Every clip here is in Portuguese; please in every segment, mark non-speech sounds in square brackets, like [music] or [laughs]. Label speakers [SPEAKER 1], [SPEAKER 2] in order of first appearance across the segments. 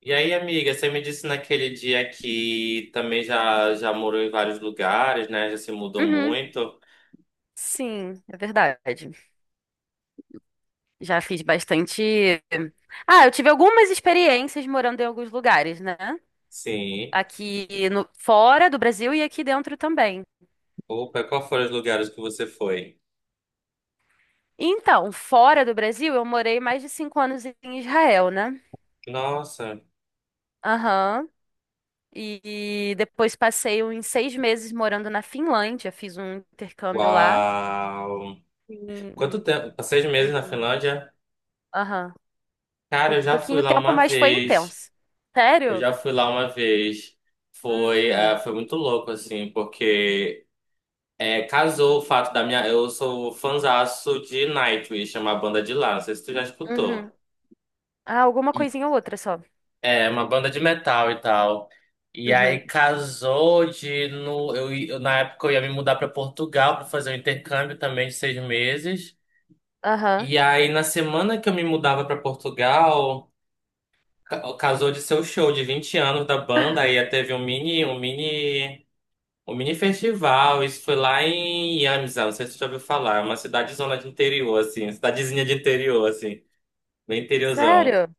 [SPEAKER 1] E aí, amiga, você me disse naquele dia que também já morou em vários lugares, né? Já se mudou
[SPEAKER 2] Uhum.
[SPEAKER 1] muito.
[SPEAKER 2] Sim, é verdade. Já fiz bastante. Ah, eu tive algumas experiências morando em alguns lugares, né?
[SPEAKER 1] Sim.
[SPEAKER 2] Aqui no... fora do Brasil e aqui dentro também.
[SPEAKER 1] Opa, qual foram os lugares que você foi?
[SPEAKER 2] Então, fora do Brasil, eu morei mais de 5 anos em Israel, né?
[SPEAKER 1] Nossa,
[SPEAKER 2] Aham. E depois passei uns 6 meses morando na Finlândia. Fiz um intercâmbio lá.
[SPEAKER 1] uau! Quanto
[SPEAKER 2] Sim,
[SPEAKER 1] tempo? Seis
[SPEAKER 2] foi
[SPEAKER 1] meses na
[SPEAKER 2] lindo.
[SPEAKER 1] Finlândia?
[SPEAKER 2] Aham. Foi
[SPEAKER 1] Cara, eu já fui
[SPEAKER 2] pouquinho
[SPEAKER 1] lá
[SPEAKER 2] tempo,
[SPEAKER 1] uma
[SPEAKER 2] mas foi
[SPEAKER 1] vez.
[SPEAKER 2] intenso.
[SPEAKER 1] Eu
[SPEAKER 2] Sério?
[SPEAKER 1] já fui lá uma vez. Foi,
[SPEAKER 2] Uhum.
[SPEAKER 1] foi muito louco, assim, porque casou o fato da minha. Eu sou fãzaço de Nightwish, é uma banda de lá. Não sei se tu já escutou.
[SPEAKER 2] Uhum. Ah, alguma coisinha ou outra só.
[SPEAKER 1] É, uma banda de metal e tal. E aí
[SPEAKER 2] Uhum.
[SPEAKER 1] casou de no, na época eu ia me mudar para Portugal para fazer um intercâmbio também de seis meses.
[SPEAKER 2] Aham.
[SPEAKER 1] E aí na semana que eu me mudava para Portugal, casou de ser o show de 20 anos da banda. Aí teve um mini festival. Isso foi lá em Iamizá, não sei se você já ouviu falar, é uma cidadezona de interior assim, cidadezinha de interior assim, bem interiorzão.
[SPEAKER 2] Sério?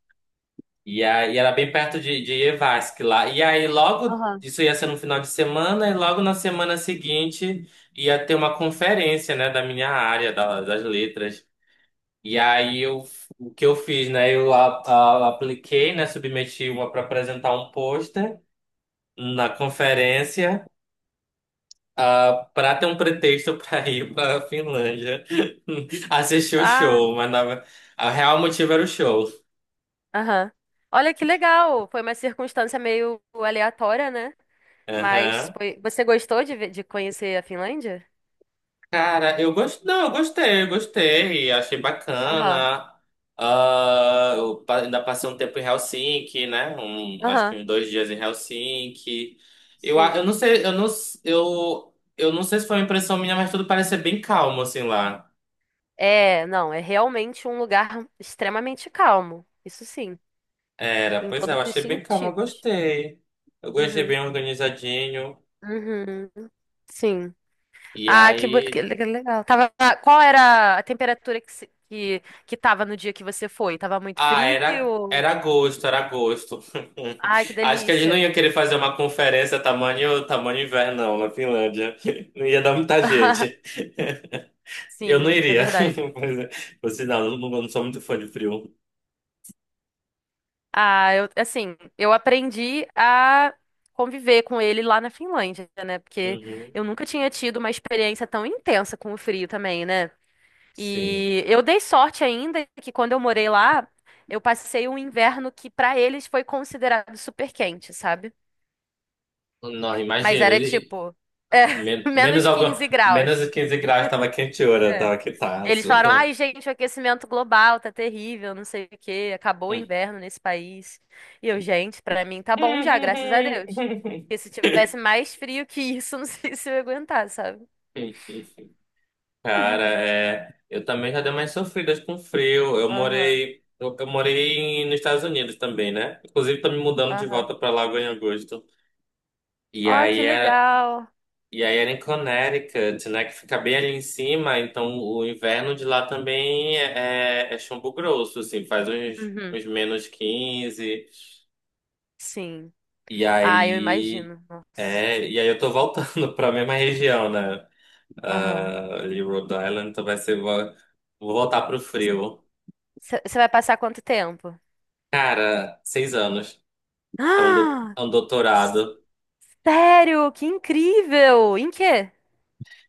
[SPEAKER 1] E aí era bem perto de Evansque lá. E aí logo,
[SPEAKER 2] Aham.
[SPEAKER 1] isso ia ser no final de semana, e logo na semana seguinte ia ter uma conferência, né, da minha área, das letras. E aí eu, o que eu fiz, né, eu apliquei, né, submeti uma para apresentar um pôster na conferência. Para ter um pretexto [laughs] para ir para a Finlândia [laughs] assistir o
[SPEAKER 2] Ah,
[SPEAKER 1] show, o real motivo era o show.
[SPEAKER 2] aham. Olha que legal. Foi uma circunstância meio aleatória, né? Mas
[SPEAKER 1] Aham.
[SPEAKER 2] foi... você gostou de, de conhecer a Finlândia?
[SPEAKER 1] Cara, eu gostei. Não, eu gostei, eu gostei. Achei
[SPEAKER 2] Aham.
[SPEAKER 1] bacana. Ah, ainda passei um tempo em Helsinki, né? Um, acho que
[SPEAKER 2] Aham.
[SPEAKER 1] uns dois dias em Helsinki. Eu, a- eu não
[SPEAKER 2] Sim.
[SPEAKER 1] sei, eu não, s- eu não sei se foi uma impressão minha, mas tudo parecia bem calmo, assim, lá.
[SPEAKER 2] É, não, é realmente um lugar extremamente calmo. Isso sim,
[SPEAKER 1] Era,
[SPEAKER 2] em
[SPEAKER 1] pois é, eu
[SPEAKER 2] todos os
[SPEAKER 1] achei bem calmo, eu
[SPEAKER 2] sentidos.
[SPEAKER 1] gostei. Eu gostei bem
[SPEAKER 2] Uhum.
[SPEAKER 1] organizadinho.
[SPEAKER 2] Uhum. Sim.
[SPEAKER 1] E
[SPEAKER 2] Ah, que,
[SPEAKER 1] aí.
[SPEAKER 2] que legal. Tava, qual era a temperatura que, que tava no dia que você foi? Tava muito
[SPEAKER 1] Ah,
[SPEAKER 2] frio?
[SPEAKER 1] era agosto, era agosto.
[SPEAKER 2] Ai, que
[SPEAKER 1] [laughs] Acho que a gente não
[SPEAKER 2] delícia.
[SPEAKER 1] ia querer fazer uma conferência tamanho inverno, não, na Finlândia. [laughs] Não ia dar muita gente.
[SPEAKER 2] [laughs]
[SPEAKER 1] [laughs] Eu não
[SPEAKER 2] Sim, é
[SPEAKER 1] iria.
[SPEAKER 2] verdade.
[SPEAKER 1] [laughs] Pois é. Por sinal, eu não, não sou muito fã de frio.
[SPEAKER 2] Ah, eu, assim, eu aprendi a conviver com ele lá na Finlândia, né? Porque
[SPEAKER 1] Uhum.
[SPEAKER 2] eu nunca tinha tido uma experiência tão intensa com o frio também, né?
[SPEAKER 1] Sim.
[SPEAKER 2] E eu dei sorte ainda que quando eu morei lá, eu passei um inverno que para eles foi considerado super quente, sabe?
[SPEAKER 1] Não,
[SPEAKER 2] Mas
[SPEAKER 1] imagina.
[SPEAKER 2] era tipo, é, [laughs]
[SPEAKER 1] Menos,
[SPEAKER 2] menos
[SPEAKER 1] algum,
[SPEAKER 2] 15
[SPEAKER 1] menos de
[SPEAKER 2] graus.
[SPEAKER 1] quinze graus tava quente hora,
[SPEAKER 2] É.
[SPEAKER 1] tava
[SPEAKER 2] Eles
[SPEAKER 1] quitaço.
[SPEAKER 2] falaram, ai, gente, o aquecimento global tá terrível, não sei o quê, acabou o inverno nesse país. E eu, gente, pra mim tá bom já, graças a Deus. Porque se tivesse mais frio que isso, [laughs] não sei se eu ia aguentar, sabe?
[SPEAKER 1] [laughs] [laughs] Cara, é, eu também já dei umas sofridas com frio. Eu
[SPEAKER 2] Aham,
[SPEAKER 1] morei, eu morei nos Estados Unidos também, né? Inclusive, tô me mudando de
[SPEAKER 2] aham.
[SPEAKER 1] volta pra lá agora em agosto. E
[SPEAKER 2] Ó, que
[SPEAKER 1] aí, é,
[SPEAKER 2] legal.
[SPEAKER 1] e aí era em Connecticut, né? Que fica bem ali em cima. Então, o inverno de lá também é chumbo grosso, assim. Faz
[SPEAKER 2] Uhum,
[SPEAKER 1] uns menos quinze.
[SPEAKER 2] sim.
[SPEAKER 1] E
[SPEAKER 2] Ah, eu
[SPEAKER 1] aí...
[SPEAKER 2] imagino. Nossa.
[SPEAKER 1] É, e aí eu tô voltando [laughs] pra mesma região, né?
[SPEAKER 2] Aham.
[SPEAKER 1] Ah, ali, Rhode Island. Então vai ser... vou voltar pro frio.
[SPEAKER 2] Você vai passar quanto tempo? [gasps]
[SPEAKER 1] Cara, seis anos, é um,
[SPEAKER 2] Ah,
[SPEAKER 1] é um doutorado.
[SPEAKER 2] sério? Que incrível! Em quê?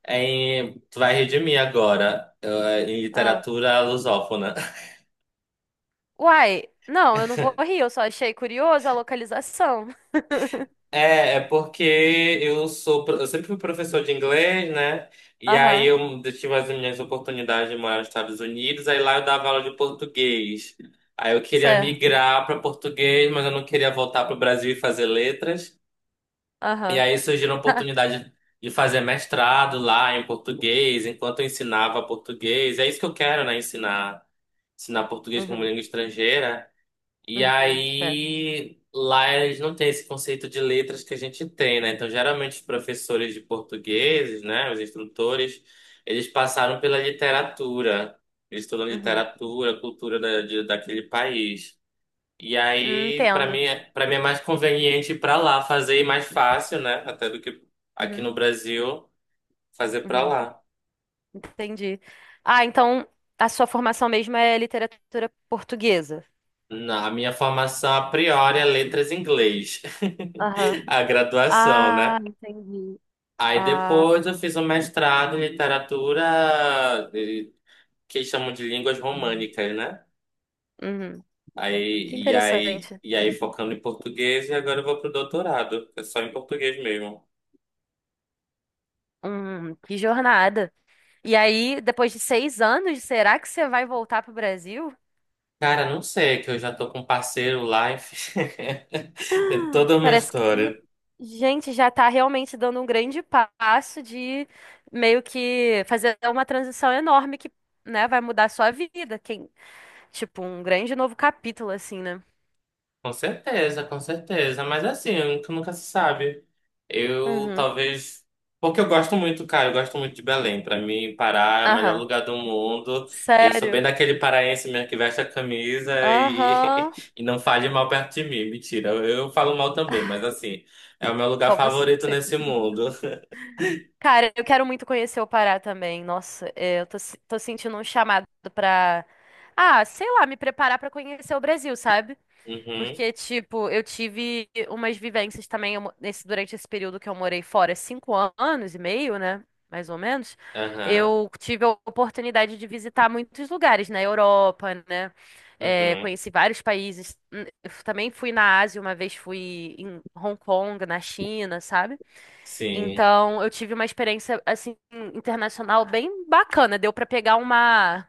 [SPEAKER 1] Em, tu vai rir de mim agora, em
[SPEAKER 2] Ah.
[SPEAKER 1] literatura lusófona. [laughs]
[SPEAKER 2] Uai, não, eu não vou rir, eu só achei curiosa a localização. [laughs]
[SPEAKER 1] É, é porque eu sou, eu sempre fui professor de inglês, né? E aí
[SPEAKER 2] Aham,
[SPEAKER 1] eu tive as minhas oportunidades de morar nos Estados Unidos, aí lá eu dava aula de português. Aí eu queria
[SPEAKER 2] certo.
[SPEAKER 1] migrar para português, mas eu não queria voltar para o Brasil e fazer letras. E
[SPEAKER 2] Aham.
[SPEAKER 1] aí surgiu a oportunidade de fazer mestrado lá em português, enquanto eu ensinava português. É isso que eu quero, né? Ensinar português como
[SPEAKER 2] Uhum,
[SPEAKER 1] língua estrangeira. E
[SPEAKER 2] uhum, certo.
[SPEAKER 1] aí lá eles não têm esse conceito de letras que a gente tem, né? Então, geralmente os professores de português, né, os instrutores, eles passaram pela literatura. Eles estudam
[SPEAKER 2] Uhum.
[SPEAKER 1] literatura, cultura daquele país. E aí, pra mim,
[SPEAKER 2] Entendo.
[SPEAKER 1] para mim é mais conveniente ir pra lá fazer e mais fácil, né? Até do que aqui
[SPEAKER 2] Uhum,
[SPEAKER 1] no Brasil fazer pra
[SPEAKER 2] uhum,
[SPEAKER 1] lá.
[SPEAKER 2] entendi. Ah, então a sua formação mesmo é literatura portuguesa.
[SPEAKER 1] Na a minha formação a priori é letras em inglês,
[SPEAKER 2] Aham.
[SPEAKER 1] [laughs] a graduação,
[SPEAKER 2] Ah,
[SPEAKER 1] né?
[SPEAKER 2] entendi.
[SPEAKER 1] Aí
[SPEAKER 2] Ah,
[SPEAKER 1] depois eu fiz um mestrado em literatura que eles chamam de línguas
[SPEAKER 2] uhum.
[SPEAKER 1] românicas, né?
[SPEAKER 2] Uhum. Que interessante.
[SPEAKER 1] E aí focando em português e agora eu vou pro doutorado, é só em português mesmo.
[SPEAKER 2] Que jornada. E aí, depois de 6 anos, será que você vai voltar para o Brasil?
[SPEAKER 1] Cara, não sei, que eu já tô com um parceiro lá, enfim. [laughs] É toda uma
[SPEAKER 2] Parece que,
[SPEAKER 1] história.
[SPEAKER 2] gente, já está realmente dando um grande passo de meio que fazer uma transição enorme que, né, vai mudar a sua vida. Quem, tipo, um grande novo capítulo, assim, né?
[SPEAKER 1] Com certeza, com certeza. Mas assim, nunca, nunca se sabe. Eu
[SPEAKER 2] Uhum.
[SPEAKER 1] talvez. Porque eu gosto muito, cara, eu gosto muito de Belém. Pra mim, Pará é o melhor
[SPEAKER 2] Aham.
[SPEAKER 1] lugar do mundo. E eu sou bem
[SPEAKER 2] Sério?
[SPEAKER 1] daquele paraense mesmo que veste a camisa e,
[SPEAKER 2] Aham.
[SPEAKER 1] [laughs] e não fale mal perto de mim. Mentira, eu falo mal também, mas assim, é o meu lugar
[SPEAKER 2] Só
[SPEAKER 1] favorito
[SPEAKER 2] você.
[SPEAKER 1] nesse mundo. [laughs]
[SPEAKER 2] Cara, eu quero muito conhecer o Pará também. Nossa, é, eu tô, tô sentindo um chamado pra. Ah, sei lá, me preparar pra conhecer o Brasil, sabe?
[SPEAKER 1] Uhum,
[SPEAKER 2] Porque, tipo, eu tive umas vivências também nesse, durante esse período que eu morei fora, anos e meio, né? Mais ou menos.
[SPEAKER 1] aham,
[SPEAKER 2] Eu tive a oportunidade de visitar muitos lugares na Europa, né? É,
[SPEAKER 1] uhum,
[SPEAKER 2] conheci vários países. Eu também fui na Ásia, uma vez fui em Hong Kong, na China, sabe?
[SPEAKER 1] sim,
[SPEAKER 2] Então, eu tive uma experiência assim internacional bem bacana. Deu pra pegar uma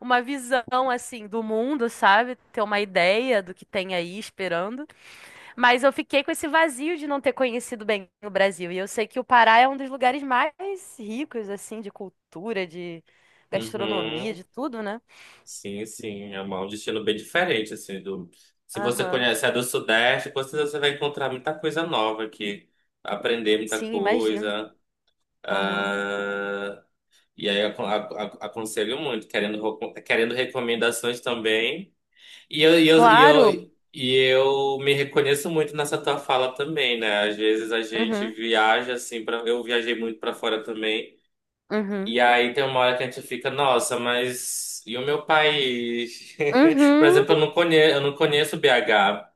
[SPEAKER 2] uma visão assim do mundo, sabe? Ter uma ideia do que tem aí esperando. Mas eu fiquei com esse vazio de não ter conhecido bem o Brasil. E eu sei que o Pará é um dos lugares mais ricos assim de cultura, de gastronomia,
[SPEAKER 1] uhum.
[SPEAKER 2] de tudo, né?
[SPEAKER 1] Sim, sim, é um destino bem diferente, assim, do... Se você
[SPEAKER 2] Aham.
[SPEAKER 1] conhece a do Sudeste, com certeza você vai encontrar muita coisa nova aqui, aprender muita
[SPEAKER 2] Sim, imagino.
[SPEAKER 1] coisa,
[SPEAKER 2] Aham.
[SPEAKER 1] ah, e aí aconselho muito, querendo, querendo recomendações também,
[SPEAKER 2] Claro.
[SPEAKER 1] e eu me reconheço muito nessa tua fala também, né? Às vezes a gente
[SPEAKER 2] Uhum.
[SPEAKER 1] viaja, assim, pra... eu viajei muito para fora também,
[SPEAKER 2] Uhum.
[SPEAKER 1] e aí tem uma hora que a gente fica, nossa, mas e o meu país? [laughs] Por
[SPEAKER 2] Uhum.
[SPEAKER 1] exemplo, eu não conheço BH.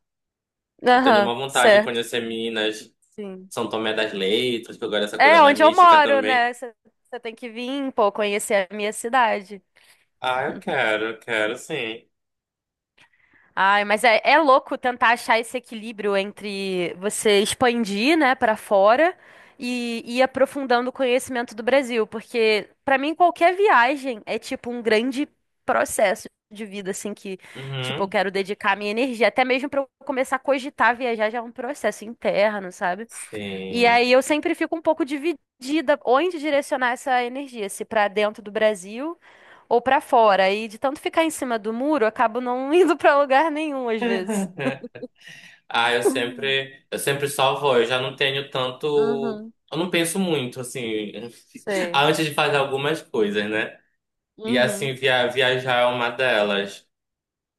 [SPEAKER 1] Eu tenho
[SPEAKER 2] Aham,
[SPEAKER 1] uma vontade de
[SPEAKER 2] certo.
[SPEAKER 1] conhecer Minas,
[SPEAKER 2] Sim.
[SPEAKER 1] São Tomé das Letras, que eu gosto dessa coisa
[SPEAKER 2] É
[SPEAKER 1] mais
[SPEAKER 2] onde eu
[SPEAKER 1] mística
[SPEAKER 2] moro,
[SPEAKER 1] também.
[SPEAKER 2] né? Você tem que vir, pô, conhecer a minha cidade.
[SPEAKER 1] Ah, eu quero, sim.
[SPEAKER 2] Ai, mas é, é louco tentar achar esse equilíbrio entre você expandir, né, para fora e ir aprofundando o conhecimento do Brasil, porque pra mim qualquer viagem é tipo um grande processo de vida, assim, que, tipo, eu
[SPEAKER 1] Uhum,
[SPEAKER 2] quero dedicar minha energia, até mesmo pra eu começar a cogitar viajar já é um processo interno, sabe? E aí
[SPEAKER 1] sim.
[SPEAKER 2] eu sempre fico um pouco dividida onde direcionar essa energia, se para dentro do Brasil ou para fora. E de tanto ficar em cima do muro, eu acabo não [laughs] indo para lugar nenhum às vezes.
[SPEAKER 1] [laughs] Ah, eu sempre só vou, eu já não tenho tanto,
[SPEAKER 2] Uhum,
[SPEAKER 1] eu não penso muito, assim, [laughs]
[SPEAKER 2] sei.
[SPEAKER 1] antes de fazer algumas coisas, né? E
[SPEAKER 2] Uhum,
[SPEAKER 1] assim, viajar é uma delas.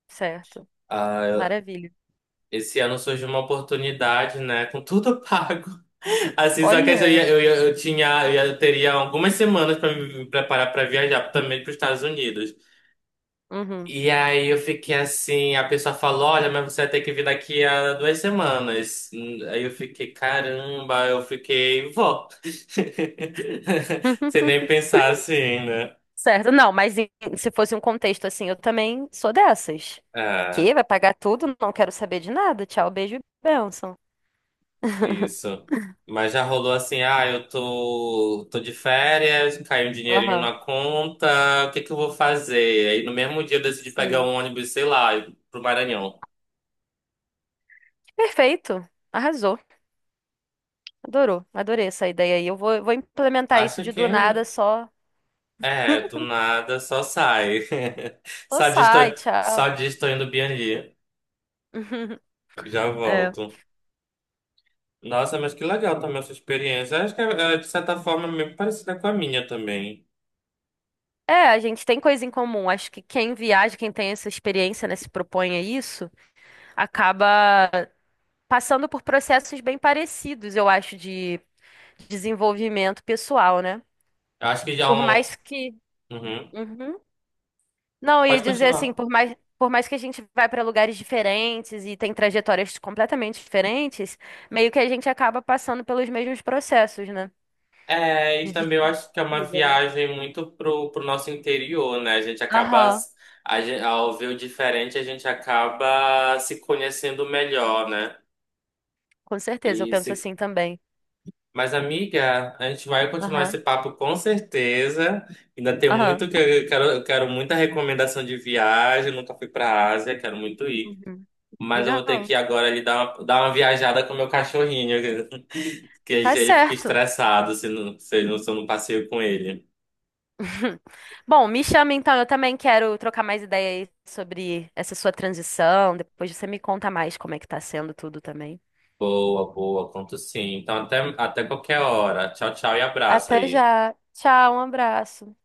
[SPEAKER 2] certo.
[SPEAKER 1] Ah,
[SPEAKER 2] Maravilha.
[SPEAKER 1] esse ano surgiu uma oportunidade, né? Com tudo pago. [laughs] Assim, só que eu ia,
[SPEAKER 2] Olha.
[SPEAKER 1] eu ia- eu tinha, eu ia- eu teria algumas semanas para me preparar para viajar também para os Estados Unidos.
[SPEAKER 2] Uhum.
[SPEAKER 1] E aí eu fiquei assim, a pessoa falou, olha, mas você vai ter que vir daqui a duas semanas. Aí eu fiquei, caramba, eu fiquei, vou. [laughs] Sem
[SPEAKER 2] [laughs]
[SPEAKER 1] nem pensar assim, né?
[SPEAKER 2] Certo. Não, mas em- se fosse um contexto assim, eu também sou dessas.
[SPEAKER 1] É.
[SPEAKER 2] Que vai pagar tudo, não quero saber de nada. Tchau, beijo e bênção.
[SPEAKER 1] Isso. Mas já rolou assim, ah, tô de férias, caiu um dinheirinho
[SPEAKER 2] Aham,
[SPEAKER 1] na conta, o que que eu vou fazer? Aí no mesmo dia eu decidi pegar
[SPEAKER 2] sim.
[SPEAKER 1] um ônibus, sei lá, pro Maranhão.
[SPEAKER 2] Perfeito. Arrasou. Adorou, adorei essa ideia aí. Eu vou implementar isso
[SPEAKER 1] Acho
[SPEAKER 2] de
[SPEAKER 1] que
[SPEAKER 2] do nada, só,
[SPEAKER 1] é, do nada só sai. [laughs]
[SPEAKER 2] só
[SPEAKER 1] Só diz, tô,
[SPEAKER 2] sai,
[SPEAKER 1] só
[SPEAKER 2] tchau.
[SPEAKER 1] diz tô indo Bianli.
[SPEAKER 2] [laughs]
[SPEAKER 1] Já
[SPEAKER 2] É.
[SPEAKER 1] volto. Nossa, mas que legal também essa experiência. Acho que é de certa forma meio parecida com a minha também.
[SPEAKER 2] É, a gente tem coisa em comum. Acho que quem viaja, quem tem essa experiência, né, se propõe a isso, acaba passando por processos bem parecidos, eu acho, de desenvolvimento pessoal, né?
[SPEAKER 1] Eu acho que já é
[SPEAKER 2] Por
[SPEAKER 1] um.
[SPEAKER 2] mais que.
[SPEAKER 1] Uhum.
[SPEAKER 2] Uhum. Não, eu ia
[SPEAKER 1] Pode
[SPEAKER 2] dizer assim,
[SPEAKER 1] continuar.
[SPEAKER 2] por mais que a gente vá para lugares diferentes e tem trajetórias completamente diferentes, meio que a gente acaba passando pelos mesmos processos, né?
[SPEAKER 1] É, e
[SPEAKER 2] De
[SPEAKER 1] também eu acho que é uma
[SPEAKER 2] despedida, né?
[SPEAKER 1] viagem muito pro nosso interior, né? A gente acaba,
[SPEAKER 2] Aham,
[SPEAKER 1] s- a gen- ao ver o diferente, a gente acaba se conhecendo melhor, né?
[SPEAKER 2] com certeza, eu
[SPEAKER 1] E
[SPEAKER 2] penso
[SPEAKER 1] se...
[SPEAKER 2] assim também.
[SPEAKER 1] Mas, amiga, a gente vai continuar esse
[SPEAKER 2] Aham,
[SPEAKER 1] papo com certeza. Ainda tem
[SPEAKER 2] aham.
[SPEAKER 1] muito que eu quero muita recomendação de viagem. Nunca fui pra Ásia, quero muito ir.
[SPEAKER 2] Uhum.
[SPEAKER 1] Mas eu vou ter que
[SPEAKER 2] Legal.
[SPEAKER 1] ir agora ali dar uma viajada com o meu cachorrinho, [laughs] que
[SPEAKER 2] Tá
[SPEAKER 1] ele fica
[SPEAKER 2] certo.
[SPEAKER 1] estressado se, não, se, eu não, se eu não passeio com ele.
[SPEAKER 2] [laughs] Bom, me chama então, eu também quero trocar mais ideia aí sobre essa sua transição. Depois você me conta mais como é que tá sendo tudo também.
[SPEAKER 1] Boa, boa, conto sim. Então até qualquer hora. Tchau, tchau e abraço
[SPEAKER 2] Até
[SPEAKER 1] aí.
[SPEAKER 2] já. Tchau, um abraço.